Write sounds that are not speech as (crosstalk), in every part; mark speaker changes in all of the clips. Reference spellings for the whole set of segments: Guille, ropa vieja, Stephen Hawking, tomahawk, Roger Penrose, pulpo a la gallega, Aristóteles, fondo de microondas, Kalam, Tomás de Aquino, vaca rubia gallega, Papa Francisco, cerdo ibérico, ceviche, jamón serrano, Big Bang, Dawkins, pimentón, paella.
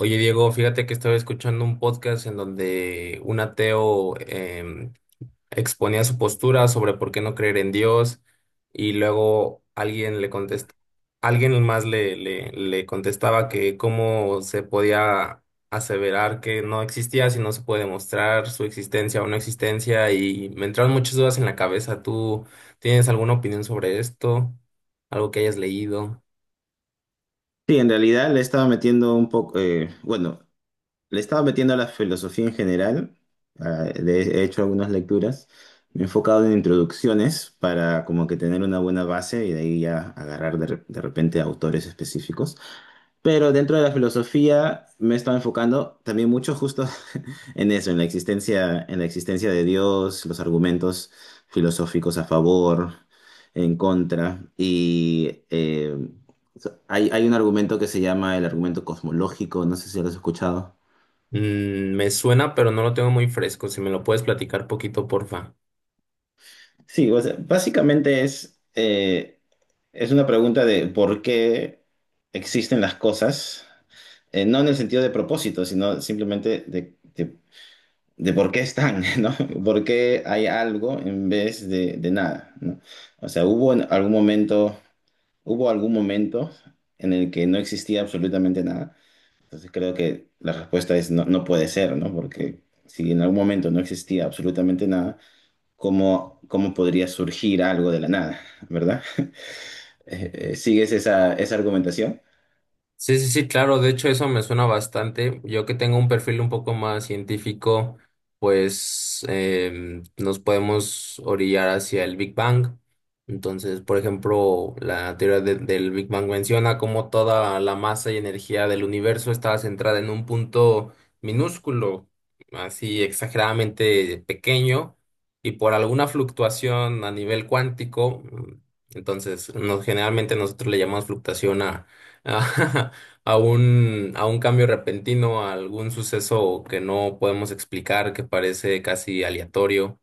Speaker 1: Oye, Diego, fíjate que estaba escuchando un podcast en donde un ateo exponía su postura sobre por qué no creer en Dios y luego alguien le contestó, alguien más le contestaba que cómo se podía aseverar que no existía si no se puede demostrar su existencia o no existencia y me entraron muchas dudas en la cabeza. ¿Tú tienes alguna opinión sobre esto? ¿Algo que hayas leído?
Speaker 2: Sí, en realidad le estaba metiendo un poco, bueno, le estaba metiendo a la filosofía en general, he hecho algunas lecturas, me he enfocado en introducciones para como que tener una buena base y de ahí ya agarrar de repente autores específicos. Pero dentro de la filosofía me he estado enfocando también mucho justo (laughs) en eso, en la existencia de Dios, los argumentos filosóficos a favor, en contra. Y hay un argumento que se llama el argumento cosmológico, no sé si lo has escuchado.
Speaker 1: Mm, me suena, pero no lo tengo muy fresco. Si me lo puedes platicar poquito, porfa.
Speaker 2: Sí, o sea, básicamente es una pregunta de por qué existen las cosas, no en el sentido de propósito, sino simplemente de por qué están, (laughs) ¿no? ¿Por qué hay algo en vez de nada, ¿no? O sea, hubo en algún momento, hubo algún momento en el que no existía absolutamente nada. Entonces creo que la respuesta es no, no puede ser, ¿no? Porque si en algún momento no existía absolutamente nada, ¿cómo podría surgir algo de la nada, ¿verdad? (laughs) ¿Sigues esa argumentación?
Speaker 1: Sí, sí, sí, claro, de hecho eso me suena bastante. Yo que tengo un perfil un poco más científico, pues nos podemos orillar hacia el Big Bang. Entonces, por ejemplo, la teoría del Big Bang menciona cómo toda la masa y energía del universo estaba centrada en un punto minúsculo, así exageradamente pequeño, y por alguna fluctuación a nivel cuántico, entonces generalmente nosotros le llamamos fluctuación a (laughs) a un cambio repentino, a algún suceso que no podemos explicar, que parece casi aleatorio,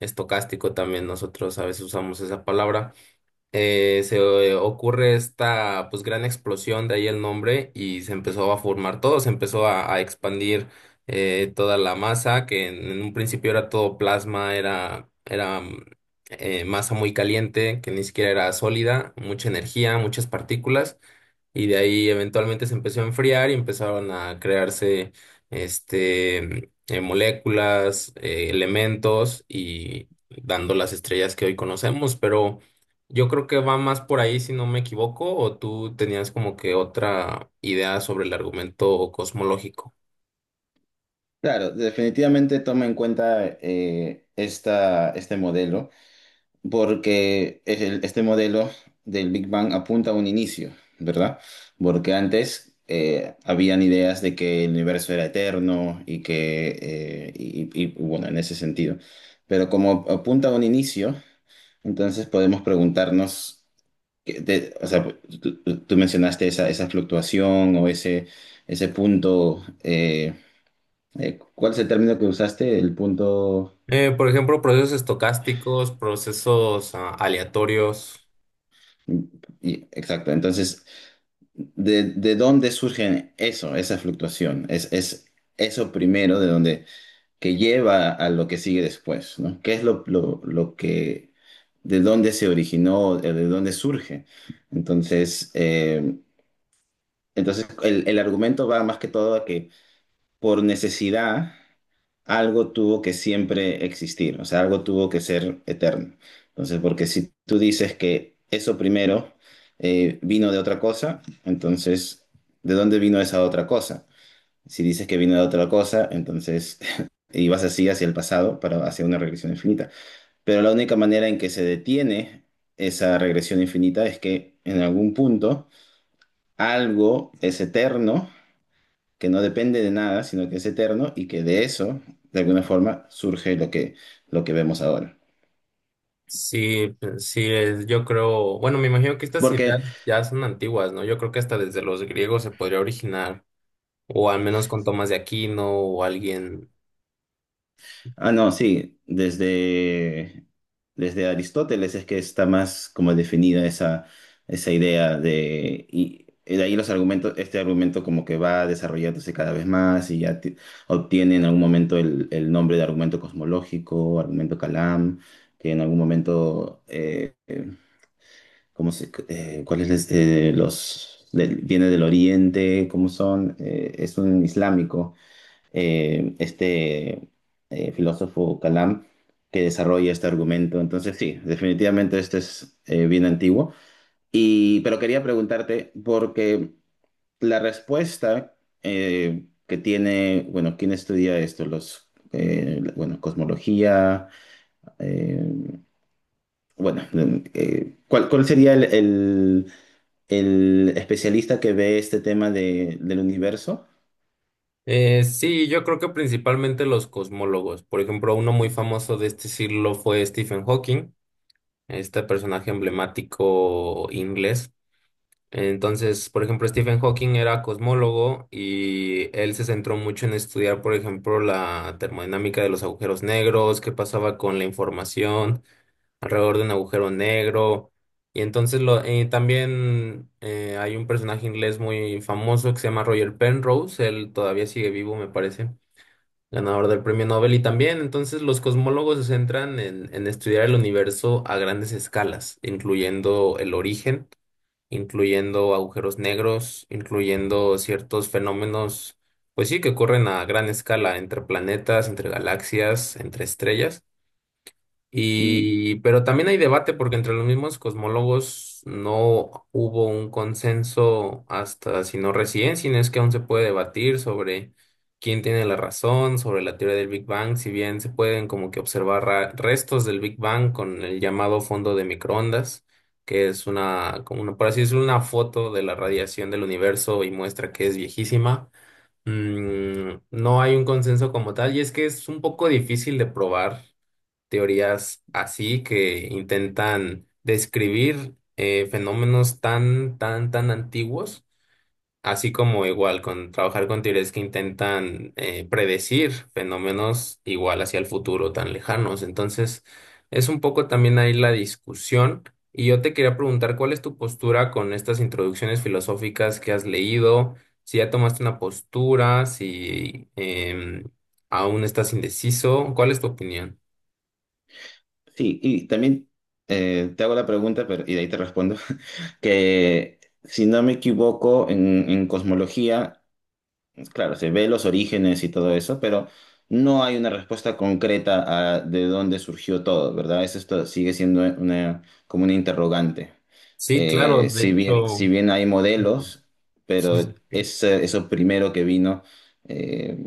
Speaker 1: estocástico también nosotros a veces usamos esa palabra. Se Ocurre esta pues gran explosión, de ahí el nombre, y se empezó a formar todo, se a expandir toda la masa, que en un principio era todo plasma, era masa muy caliente, que ni siquiera era sólida, mucha energía, muchas partículas y de ahí eventualmente se empezó a enfriar y empezaron a crearse moléculas, elementos y dando las estrellas que hoy conocemos, pero yo creo que va más por ahí si no me equivoco, o tú tenías como que otra idea sobre el argumento cosmológico.
Speaker 2: Claro, definitivamente toma en cuenta esta, este modelo. Porque este modelo del Big Bang apunta a un inicio, ¿verdad? Porque antes habían ideas de que el universo era eterno y que, bueno, en ese sentido. Pero como apunta a un inicio, entonces podemos preguntarnos, o sea, tú mencionaste esa, esa fluctuación o ese punto, ¿cuál es el término que usaste? El punto...
Speaker 1: Por ejemplo, procesos estocásticos, procesos aleatorios.
Speaker 2: Y- exacto, entonces de dónde surge eso, esa fluctuación? Es eso primero de donde que lleva a lo que sigue después, ¿no? ¿Qué es lo que, de dónde se originó, de dónde surge? Entonces, entonces el argumento va más que todo a que por necesidad, algo tuvo que siempre existir, o sea, algo tuvo que ser eterno. Entonces, porque si tú dices que eso primero vino de otra cosa, entonces, ¿de dónde vino esa otra cosa? Si dices que vino de otra cosa, entonces (laughs) y vas así hacia el pasado para hacia una regresión infinita. Pero la única manera en que se detiene esa regresión infinita es que en algún punto algo es eterno que no depende de nada, sino que es eterno y que de eso, de alguna forma, surge lo que vemos ahora.
Speaker 1: Sí, pues, sí, yo creo, bueno, me imagino que estas ideas
Speaker 2: Porque,
Speaker 1: ya son antiguas, ¿no? Yo creo que hasta desde los griegos se podría originar, o al menos con Tomás de Aquino o alguien.
Speaker 2: ah, no, sí, desde, desde Aristóteles es que está más como definida esa, esa idea de... Y, de ahí los argumentos, este argumento como que va desarrollándose cada vez más y ya obtiene en algún momento el nombre de argumento cosmológico, argumento Kalam, que en algún momento ¿cómo se, cuál es viene del Oriente? ¿Cómo son? Es un islámico, eh, este filósofo Kalam, que desarrolla este argumento. Entonces, sí, definitivamente este es bien antiguo. Y, pero quería preguntarte, porque la respuesta que tiene, bueno, ¿quién estudia esto? Los, bueno, cosmología, eh, bueno, ¿cuál, cuál sería el especialista que ve este tema del universo.
Speaker 1: Sí, yo creo que principalmente los cosmólogos. Por ejemplo, uno muy famoso de este siglo fue Stephen Hawking, este personaje emblemático inglés. Entonces, por ejemplo, Stephen Hawking era cosmólogo y él se centró mucho en estudiar, por ejemplo, la termodinámica de los agujeros negros, qué pasaba con la información alrededor de un agujero negro. Y entonces lo, también hay un personaje inglés muy famoso que se llama Roger Penrose, él todavía sigue vivo, me parece, ganador del premio Nobel. Y también entonces los cosmólogos se centran en estudiar el universo a grandes escalas, incluyendo el origen, incluyendo agujeros negros, incluyendo ciertos fenómenos, pues sí, que ocurren a gran escala entre planetas, entre galaxias, entre estrellas.
Speaker 2: Y
Speaker 1: Y, pero también hay debate porque entre los mismos cosmólogos no hubo un consenso hasta, si no recién, sino es que aún se puede debatir sobre quién tiene la razón, sobre la teoría del Big Bang, si bien se pueden como que observar restos del Big Bang con el llamado fondo de microondas, que es una, como una, por así decirlo, una foto de la radiación del universo y muestra que es viejísima. Mm, no hay un consenso como tal y es que es un poco difícil de probar teorías así que intentan describir fenómenos tan, tan, tan antiguos, así como igual con trabajar con teorías que intentan predecir fenómenos igual hacia el futuro tan lejanos. Entonces, es un poco también ahí la discusión. Y yo te quería preguntar, ¿cuál es tu postura con estas introducciones filosóficas que has leído? Si ya tomaste una postura, si aún estás indeciso, ¿cuál es tu opinión?
Speaker 2: sí, y también te hago la pregunta, pero, y de ahí te respondo, (laughs) que si no me equivoco, en cosmología, claro, se ve los orígenes y todo eso, pero no hay una respuesta concreta a de dónde surgió todo, ¿verdad? Eso esto sigue siendo una, como una interrogante.
Speaker 1: Sí, claro, de Sí.
Speaker 2: Si bien, si
Speaker 1: hecho,
Speaker 2: bien hay modelos, pero
Speaker 1: sí,
Speaker 2: es eso primero que vino. eh,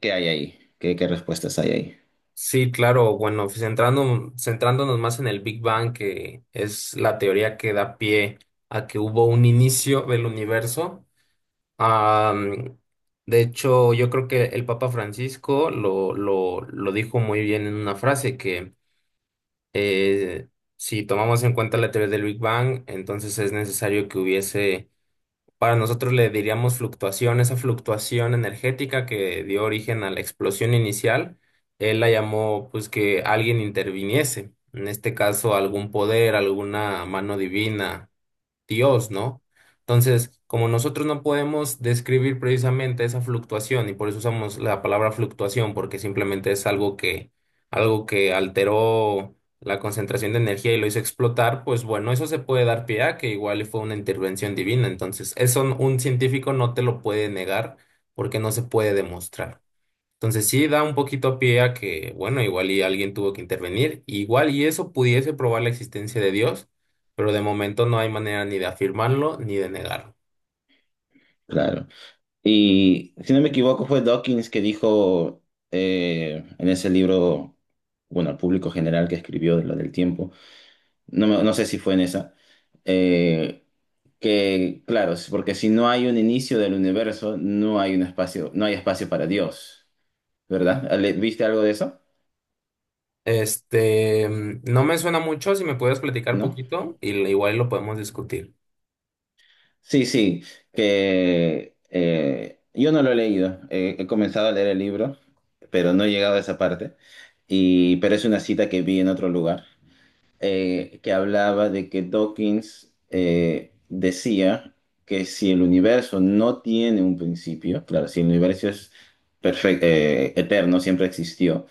Speaker 2: ¿Qué hay ahí? ¿Qué, qué respuestas hay ahí?
Speaker 1: sí, claro, bueno, centrándonos más en el Big Bang, que es la teoría que da pie a que hubo un inicio del universo. am, de hecho, yo creo que el Papa Francisco lo dijo muy bien en una frase que eh, si tomamos en cuenta la teoría del Big Bang, entonces es necesario que hubiese. Para nosotros le diríamos fluctuación, esa fluctuación energética que dio origen a la explosión inicial, él la llamó pues que alguien interviniese, en este caso algún poder, alguna mano divina, Dios, ¿no? Entonces, como nosotros no podemos describir precisamente esa fluctuación y por eso usamos la palabra fluctuación, porque simplemente es algo que alteró la concentración de energía y lo hizo explotar, pues bueno, eso se puede dar pie a que igual y fue una intervención divina. Entonces, eso un científico no te lo puede negar porque no se puede demostrar. Entonces sí da un poquito pie a que, bueno, igual y alguien tuvo que intervenir, igual y eso pudiese probar la existencia de Dios, pero de momento no hay manera ni de afirmarlo ni de negarlo.
Speaker 2: Claro. Y si no me equivoco, fue Dawkins que dijo en ese libro, bueno, al público general que escribió de lo del tiempo, no, no sé si fue en esa, eh, que, claro, es porque si no hay un inicio del universo, no hay un espacio, no hay espacio para Dios, ¿verdad? ¿Viste algo de eso?
Speaker 1: Este, mm, no me suena mucho, si me puedes platicar
Speaker 2: ¿No?
Speaker 1: poquito, y igual lo podemos discutir.
Speaker 2: Sí, sí, que yo no lo he leído. He comenzado a leer el libro, pero no he llegado a esa parte. Y, pero es una cita que vi en otro lugar, que hablaba de que Dawkins decía que si el universo no tiene un principio, claro, si el universo es eterno, siempre existió,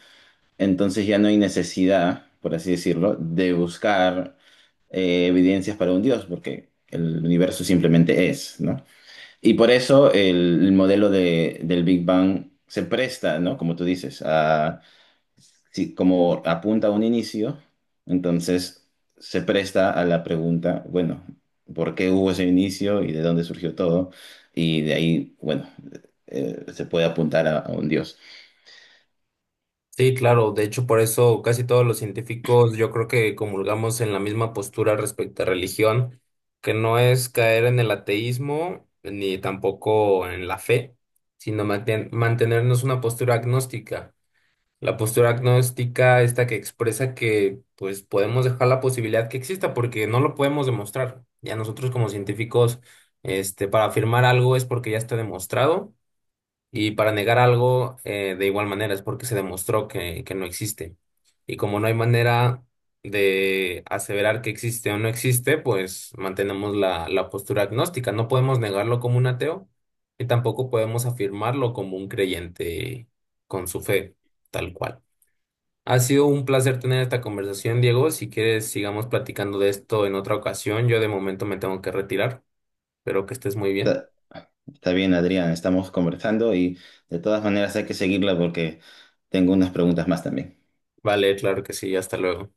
Speaker 2: entonces ya no hay necesidad, por así decirlo, de buscar evidencias para un Dios, porque el universo simplemente es, ¿no? Y por eso el modelo del Big Bang se presta, ¿no? Como tú dices, a, como apunta a un inicio, entonces se presta a la pregunta, bueno, ¿por qué hubo ese inicio y de dónde surgió todo? Y de ahí, bueno, se puede apuntar a un Dios.
Speaker 1: Sí, claro, de hecho por eso casi todos los científicos yo creo que comulgamos en la misma postura respecto a religión, que no es caer en el ateísmo ni tampoco en la fe, sino mantenernos una postura agnóstica. La postura agnóstica, esta que expresa que pues podemos dejar la posibilidad que exista porque no lo podemos demostrar. Ya nosotros como científicos, este, para afirmar algo es porque ya está demostrado y para negar algo de igual manera es porque se demostró que no existe. Y como no hay manera de aseverar que existe o no existe, pues mantenemos la, la postura agnóstica. No podemos negarlo como un ateo y tampoco podemos afirmarlo como un creyente con su fe, tal cual. Ha sido un placer tener esta conversación, Diego. Si quieres, sigamos platicando de esto en otra ocasión. Yo de momento me tengo que retirar, pero que estés muy bien.
Speaker 2: Está, está bien, Adrián, estamos conversando y de todas maneras hay que seguirla porque tengo unas preguntas más también.
Speaker 1: Vale, claro que sí, hasta luego.